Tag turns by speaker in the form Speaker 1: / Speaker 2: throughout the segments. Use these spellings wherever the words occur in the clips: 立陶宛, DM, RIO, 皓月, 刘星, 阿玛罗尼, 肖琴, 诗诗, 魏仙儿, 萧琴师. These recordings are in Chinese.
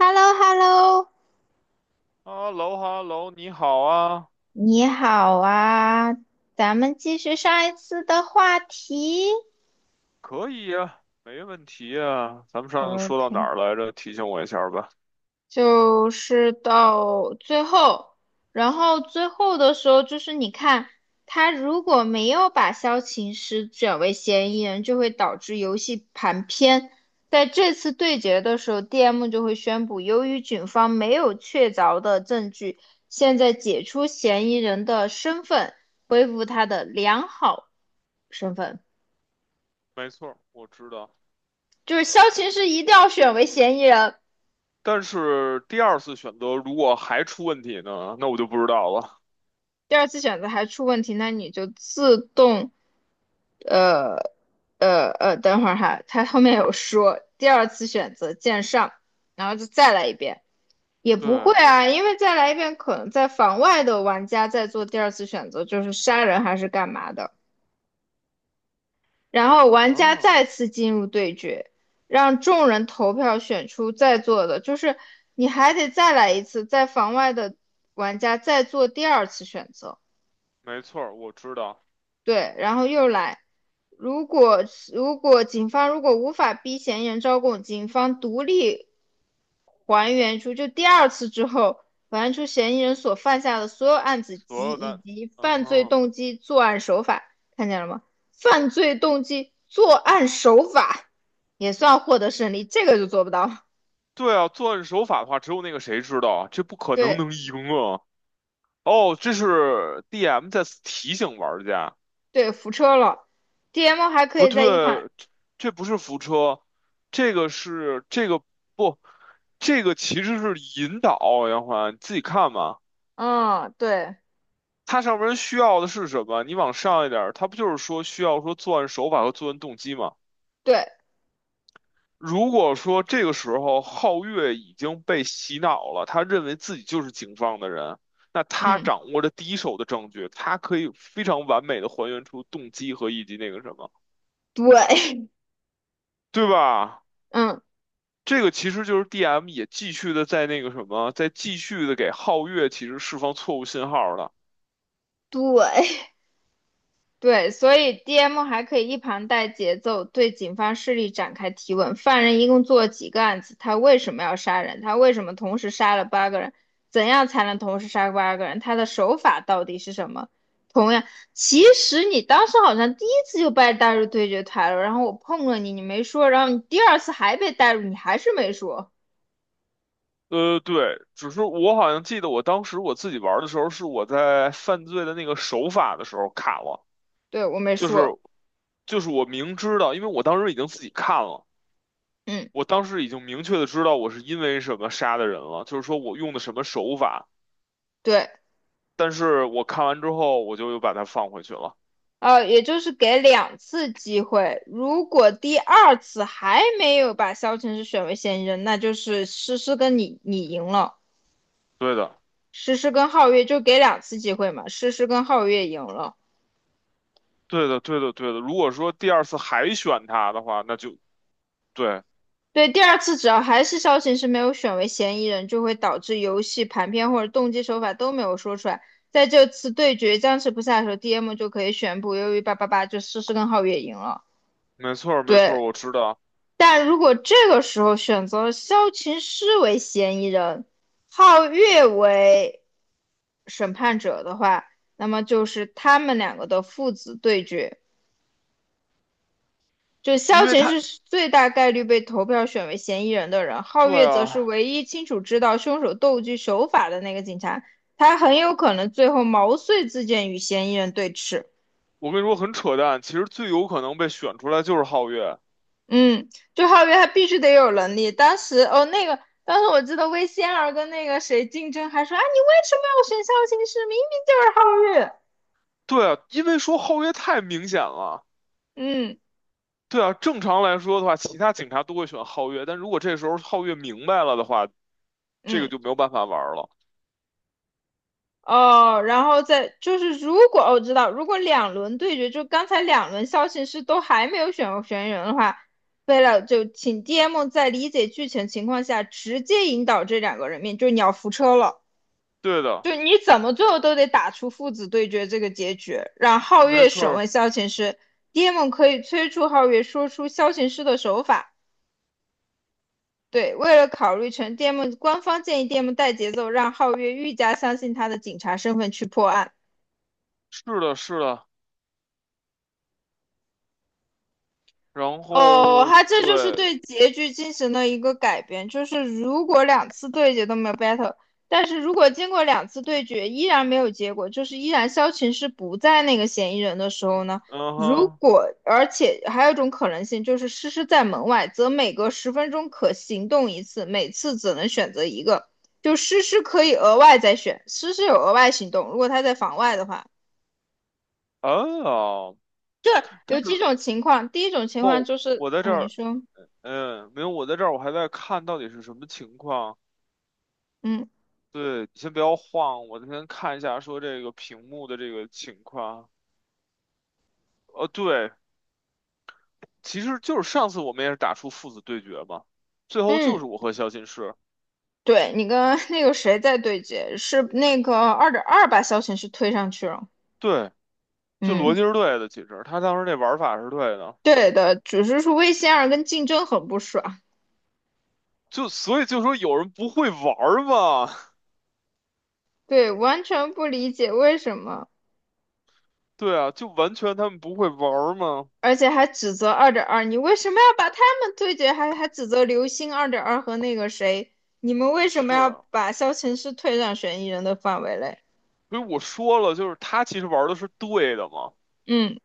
Speaker 1: h e l l o h e l l o
Speaker 2: 哈喽哈喽，你好啊，
Speaker 1: 你好啊，咱们继续上一次的话题。
Speaker 2: 可以呀，没问题呀。咱们上次说到哪
Speaker 1: OK，
Speaker 2: 儿来着？提醒我一下儿吧。
Speaker 1: 就是到最后，然后最后的时候就是你看，他如果没有把萧琴师选为嫌疑人，就会导致游戏盘偏。在这次对决的时候，DM 就会宣布，由于警方没有确凿的证据，现在解除嫌疑人的身份，恢复他的良好身份。
Speaker 2: 没错儿，我知道。
Speaker 1: 就是肖琴是一定要选为嫌疑人。
Speaker 2: 但是第二次选择如果还出问题呢，那我就不知道了。
Speaker 1: 第二次选择还出问题，那你就自动呃等会儿哈，他后面有说第二次选择见上，然后就再来一遍。也不会
Speaker 2: 对
Speaker 1: 啊，因为再来一遍可能在房外的玩家在做第二次选择，就是杀人还是干嘛的。然后玩家再
Speaker 2: 啊，
Speaker 1: 次进入对决，让众人投票选出在座的，就是你还得再来一次，在房外的玩家再做第二次选择。
Speaker 2: 没错儿，我知道。
Speaker 1: 对，然后又来。如果如果警方如果无法逼嫌疑人招供，警方独立还原出就第二次之后，还原出嫌疑人所犯下的所有案子
Speaker 2: 所
Speaker 1: 及
Speaker 2: 有
Speaker 1: 以
Speaker 2: 的，
Speaker 1: 及
Speaker 2: 嗯
Speaker 1: 犯罪
Speaker 2: 哼，
Speaker 1: 动机、作案手法。看见了吗？犯罪动机、作案手法也算获得胜利，这个就做不到。
Speaker 2: 对啊，作案手法的话，只有那个谁知道啊，这不可能
Speaker 1: 对
Speaker 2: 能赢啊。哦，这是 DM 在提醒玩家。
Speaker 1: 对，扶车了。DM 还可
Speaker 2: 不
Speaker 1: 以在一旁。
Speaker 2: 对，这不是扶车，这个是这个不，这个其实是引导，杨环你自己看嘛。
Speaker 1: 嗯，对
Speaker 2: 它上面需要的是什么？你往上一点儿，它不就是说需要说作案手法和作案动机吗？
Speaker 1: 对。
Speaker 2: 如果说这个时候皓月已经被洗脑了，他认为自己就是警方的人，那他
Speaker 1: 嗯
Speaker 2: 掌握着第一手的证据，他可以非常完美的还原出动机和以及那个什么，
Speaker 1: 对。
Speaker 2: 对吧？
Speaker 1: 嗯
Speaker 2: 这个其实就是 DM 也继续的在那个什么，在继续的给皓月其实释放错误信号了。
Speaker 1: 对。对，所以 DM 还可以一旁带节奏，对警方势力展开提问。犯人一共做了几个案子？他为什么要杀人？他为什么同时杀了八个人？怎样才能同时杀八个人？他的手法到底是什么？同样，其实你当时好像第一次就被带入对决台了，然后我碰了你，你没说，然后你第二次还被带入，你还是没说。
Speaker 2: 对，只是我好像记得我当时我自己玩的时候，是我在犯罪的那个手法的时候卡了，
Speaker 1: 对，我没
Speaker 2: 就是
Speaker 1: 说。
Speaker 2: 就是我明知道，因为我当时已经自己看了，
Speaker 1: 嗯，
Speaker 2: 我当时已经明确的知道我是因为什么杀的人了，就是说我用的什么手法，
Speaker 1: 对。
Speaker 2: 但是我看完之后我就又把它放回去了。
Speaker 1: 也就是给两次机会，如果第二次还没有把萧晨是选为嫌疑人，那就是诗诗跟你赢了。
Speaker 2: 对的，
Speaker 1: 诗诗跟皓月就给两次机会嘛，诗诗跟皓月赢了。
Speaker 2: 对的，对的，对的。如果说第二次还选他的话，那就对。
Speaker 1: 对，第二次只要还是萧晨是没有选为嫌疑人，就会导致游戏盘片或者动机手法都没有说出来。在这次对决僵持不下的时候，DM 就可以宣布，由于八八八就诗诗跟皓月赢了。
Speaker 2: 没错儿，没错
Speaker 1: 对，
Speaker 2: 儿，我知道，
Speaker 1: 但如果这个时候选择了萧琴师为嫌疑人，皓月为审判者的话，那么就是他们两个的父子对决。就萧
Speaker 2: 因为
Speaker 1: 琴
Speaker 2: 他，
Speaker 1: 是最大概率被投票选为嫌疑人的人，皓
Speaker 2: 对
Speaker 1: 月则是
Speaker 2: 啊，
Speaker 1: 唯一清楚知道凶手斗具手法的那个警察，他很有可能最后毛遂自荐与嫌疑人对峙。
Speaker 2: 我跟你说很扯淡，其实最有可能被选出来就是皓月，
Speaker 1: 嗯，就哈月他必须得有能力。当时哦，那个当时我记得魏仙儿跟那个谁竞争，还说啊，你为什么要选肖琴师？明明就是皓月。
Speaker 2: 对啊，因为说皓月太明显了，
Speaker 1: 嗯
Speaker 2: 对啊，正常来说的话，其他警察都会选皓月，但如果这时候皓月明白了的话，这个
Speaker 1: 嗯。
Speaker 2: 就没有办法玩儿了，
Speaker 1: 哦，然后再就是如果哦我、知道，如果两轮对决，就刚才两轮肖琴师都还没有选人的话，为了就请 DM 在理解剧情情况下直接引导这两个人面，就是你要扶车了。
Speaker 2: 对的，
Speaker 1: 就你怎么最后都得打出父子对决这个结局。让皓
Speaker 2: 没
Speaker 1: 月
Speaker 2: 错
Speaker 1: 审
Speaker 2: 儿，
Speaker 1: 问萧琴师，d m 可以催促皓月说出萧琴师的手法。对，为了考虑成 DM，官方建议 DM 带节奏，让皓月愈加相信他的警察身份去破案。
Speaker 2: 是的，是的，然
Speaker 1: 哦，
Speaker 2: 后
Speaker 1: 他这就是
Speaker 2: 对，
Speaker 1: 对结局进行了一个改编，就是如果两次对决都没有 battle，但是如果经过两次对决依然没有结果，就是依然萧晴是不在那个嫌疑人的时候呢，
Speaker 2: 嗯
Speaker 1: 如
Speaker 2: 哼，
Speaker 1: 果而且还有一种可能性就是诗诗在门外，则每隔十分钟可行动一次，每次只能选择一个，就诗诗可以额外再选，诗诗有额外行动，如果他在房外的话，
Speaker 2: 啊，但
Speaker 1: 有几
Speaker 2: 是
Speaker 1: 种情况，第一种情况
Speaker 2: 不，
Speaker 1: 就是，
Speaker 2: 我在这
Speaker 1: 嗯，你
Speaker 2: 儿，
Speaker 1: 说。
Speaker 2: 没有，我在这儿，我还在看到底是什么情况。
Speaker 1: 嗯
Speaker 2: 对，你先不要晃，我先看一下说这个屏幕的这个情况。对，其实就是上次我们也是打出父子对决嘛，最后就是
Speaker 1: 嗯。
Speaker 2: 我和肖金士，
Speaker 1: 对你跟那个谁在对接，是那个二点二把小程序推上去了。
Speaker 2: 对，就逻辑
Speaker 1: 嗯，
Speaker 2: 是对的，其实他当时那玩法是对的，
Speaker 1: 对的，只是说魏仙儿跟竞争很不爽。
Speaker 2: 就所以就说有人不会玩儿嘛，
Speaker 1: 对，完全不理解为什么，
Speaker 2: 对啊，就完全他们不会玩儿嘛，
Speaker 1: 而且还指责二点二，你为什么要把他们对接，还指责刘星二点二和那个谁，你们为什么
Speaker 2: 是，
Speaker 1: 要把萧琴师推上嫌疑人的范围内？
Speaker 2: 所以我说了，就是他其实玩儿的是对的嘛，
Speaker 1: 嗯。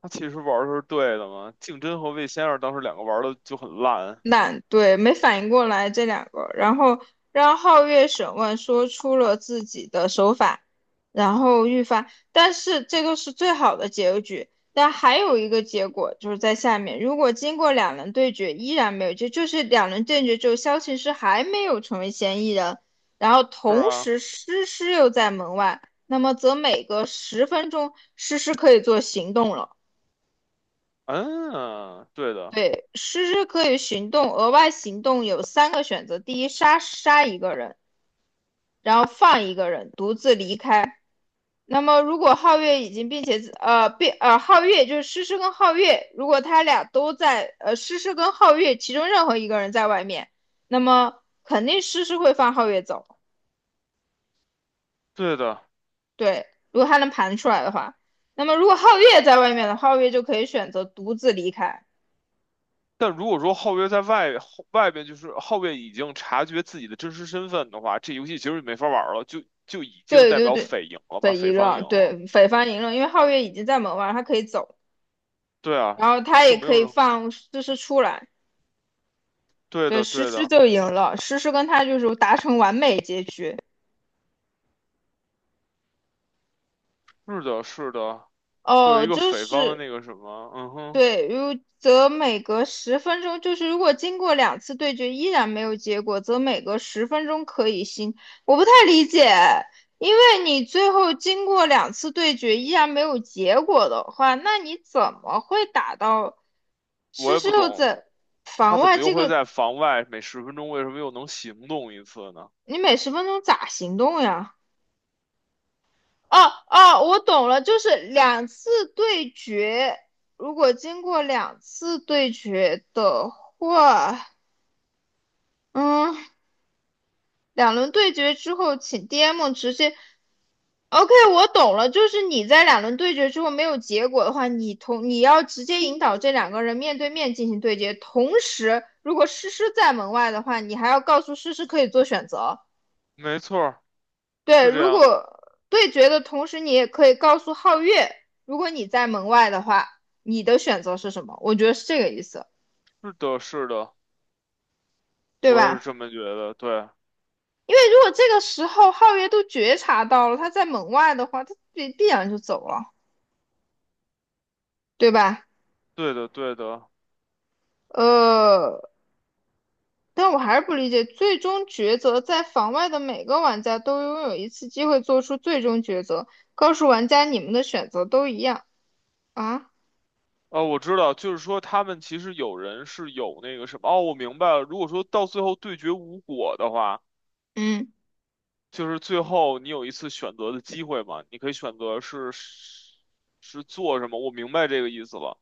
Speaker 2: 他其实玩儿的是对的嘛，竞争和魏先生当时两个玩儿的就很烂，
Speaker 1: 懒，对，没反应过来这两个，然后让皓月审问，说出了自己的手法，然后预发，但是这个是最好的结局。但还有一个结果就是在下面，如果经过两轮对决依然没有结，就是两轮对决之后，萧琴师还没有成为嫌疑人，然后
Speaker 2: 是
Speaker 1: 同
Speaker 2: 啊。
Speaker 1: 时诗诗又在门外，那么则每隔十分钟，诗诗可以做行动了。
Speaker 2: 嗯，对的，
Speaker 1: 对，诗诗可以行动，额外行动有三个选择：第一，杀一个人，然后放一个人，独自离开。那么，如果皓月已经并且呃并呃皓月就是诗诗跟皓月，如果他俩都在诗诗跟皓月其中任何一个人在外面，那么肯定诗诗会放皓月走。
Speaker 2: 对的。
Speaker 1: 对，如果他能盘出来的话，那么如果皓月在外面的皓月就可以选择独自离开。
Speaker 2: 但如果说后卫在外后外边，就是后卫已经察觉自己的真实身份的话，这游戏其实就没法玩了，就已经
Speaker 1: 对
Speaker 2: 代
Speaker 1: 对
Speaker 2: 表
Speaker 1: 对，
Speaker 2: 匪赢了嘛，
Speaker 1: 匪夷
Speaker 2: 匪方
Speaker 1: 了，
Speaker 2: 赢了。
Speaker 1: 对，匪方赢了，因为皓月已经在门外，他可以走，
Speaker 2: 对啊，
Speaker 1: 然后他
Speaker 2: 就
Speaker 1: 也
Speaker 2: 没
Speaker 1: 可
Speaker 2: 有
Speaker 1: 以
Speaker 2: 人。
Speaker 1: 放诗诗出来。
Speaker 2: 对
Speaker 1: 对，
Speaker 2: 的，
Speaker 1: 诗
Speaker 2: 对
Speaker 1: 诗
Speaker 2: 的，
Speaker 1: 就赢了，诗诗跟他就是达成完美结局。
Speaker 2: 是的，是的，会有
Speaker 1: 哦，
Speaker 2: 一个
Speaker 1: 就
Speaker 2: 匪方的
Speaker 1: 是
Speaker 2: 那个什么，嗯哼，
Speaker 1: 对，如则每隔十分钟，就是如果经过两次对决依然没有结果，则每隔十分钟可以新。我不太理解，因为你最后经过两次对决依然没有结果的话，那你怎么会打到
Speaker 2: 我
Speaker 1: 施
Speaker 2: 也
Speaker 1: 施
Speaker 2: 不
Speaker 1: 六
Speaker 2: 懂，
Speaker 1: 在
Speaker 2: 他
Speaker 1: 防
Speaker 2: 怎
Speaker 1: 外
Speaker 2: 么又
Speaker 1: 这
Speaker 2: 会
Speaker 1: 个？
Speaker 2: 在房外每十分钟为什么又能行动一次呢？
Speaker 1: 你每十分钟咋行动呀？哦哦，我懂了，就是两次对决，如果经过两次对决的话，嗯。两轮对决之后，请 DM 直接。OK，我懂了，就是你在两轮对决之后没有结果的话，你要直接引导这两个人面对面进行对决。同时，如果诗诗在门外的话，你还要告诉诗诗可以做选择。
Speaker 2: 没错儿是
Speaker 1: 对，
Speaker 2: 这
Speaker 1: 如
Speaker 2: 样的，
Speaker 1: 果对决的同时，你也可以告诉皓月，如果你在门外的话，你的选择是什么？我觉得是这个意思，
Speaker 2: 是的，是的，
Speaker 1: 对
Speaker 2: 我也是
Speaker 1: 吧？
Speaker 2: 这么觉得，对，
Speaker 1: 因为如果这个时候皓月都觉察到了他在门外的话，他必然就走了。对吧？
Speaker 2: 对的，对的。
Speaker 1: 呃，但我还是不理解，最终抉择在房外的每个玩家都拥有一次机会做出最终抉择，告诉玩家你们的选择都一样啊。
Speaker 2: 我知道，就是说他们其实有人是有那个什么，哦，我明白了。如果说到最后对决无果的话，
Speaker 1: 嗯，
Speaker 2: 就是最后你有一次选择的机会嘛，你可以选择是做什么，我明白这个意思了。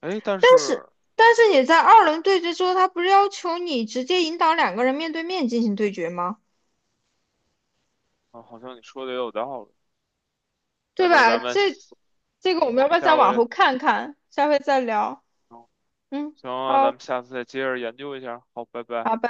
Speaker 2: 哎，但
Speaker 1: 但是
Speaker 2: 是
Speaker 1: 但是你在二轮对决之后，他不是要求你直接引导两个人面对面进行对决吗？
Speaker 2: 啊，好像你说的也有道理，
Speaker 1: 对
Speaker 2: 要不然
Speaker 1: 吧？
Speaker 2: 咱们下
Speaker 1: 这个我们要不要再往
Speaker 2: 回，
Speaker 1: 后看看？下回再聊。嗯，
Speaker 2: 行啊，咱
Speaker 1: 好，
Speaker 2: 们下次再接着研究一下。好，拜拜。
Speaker 1: 拜拜。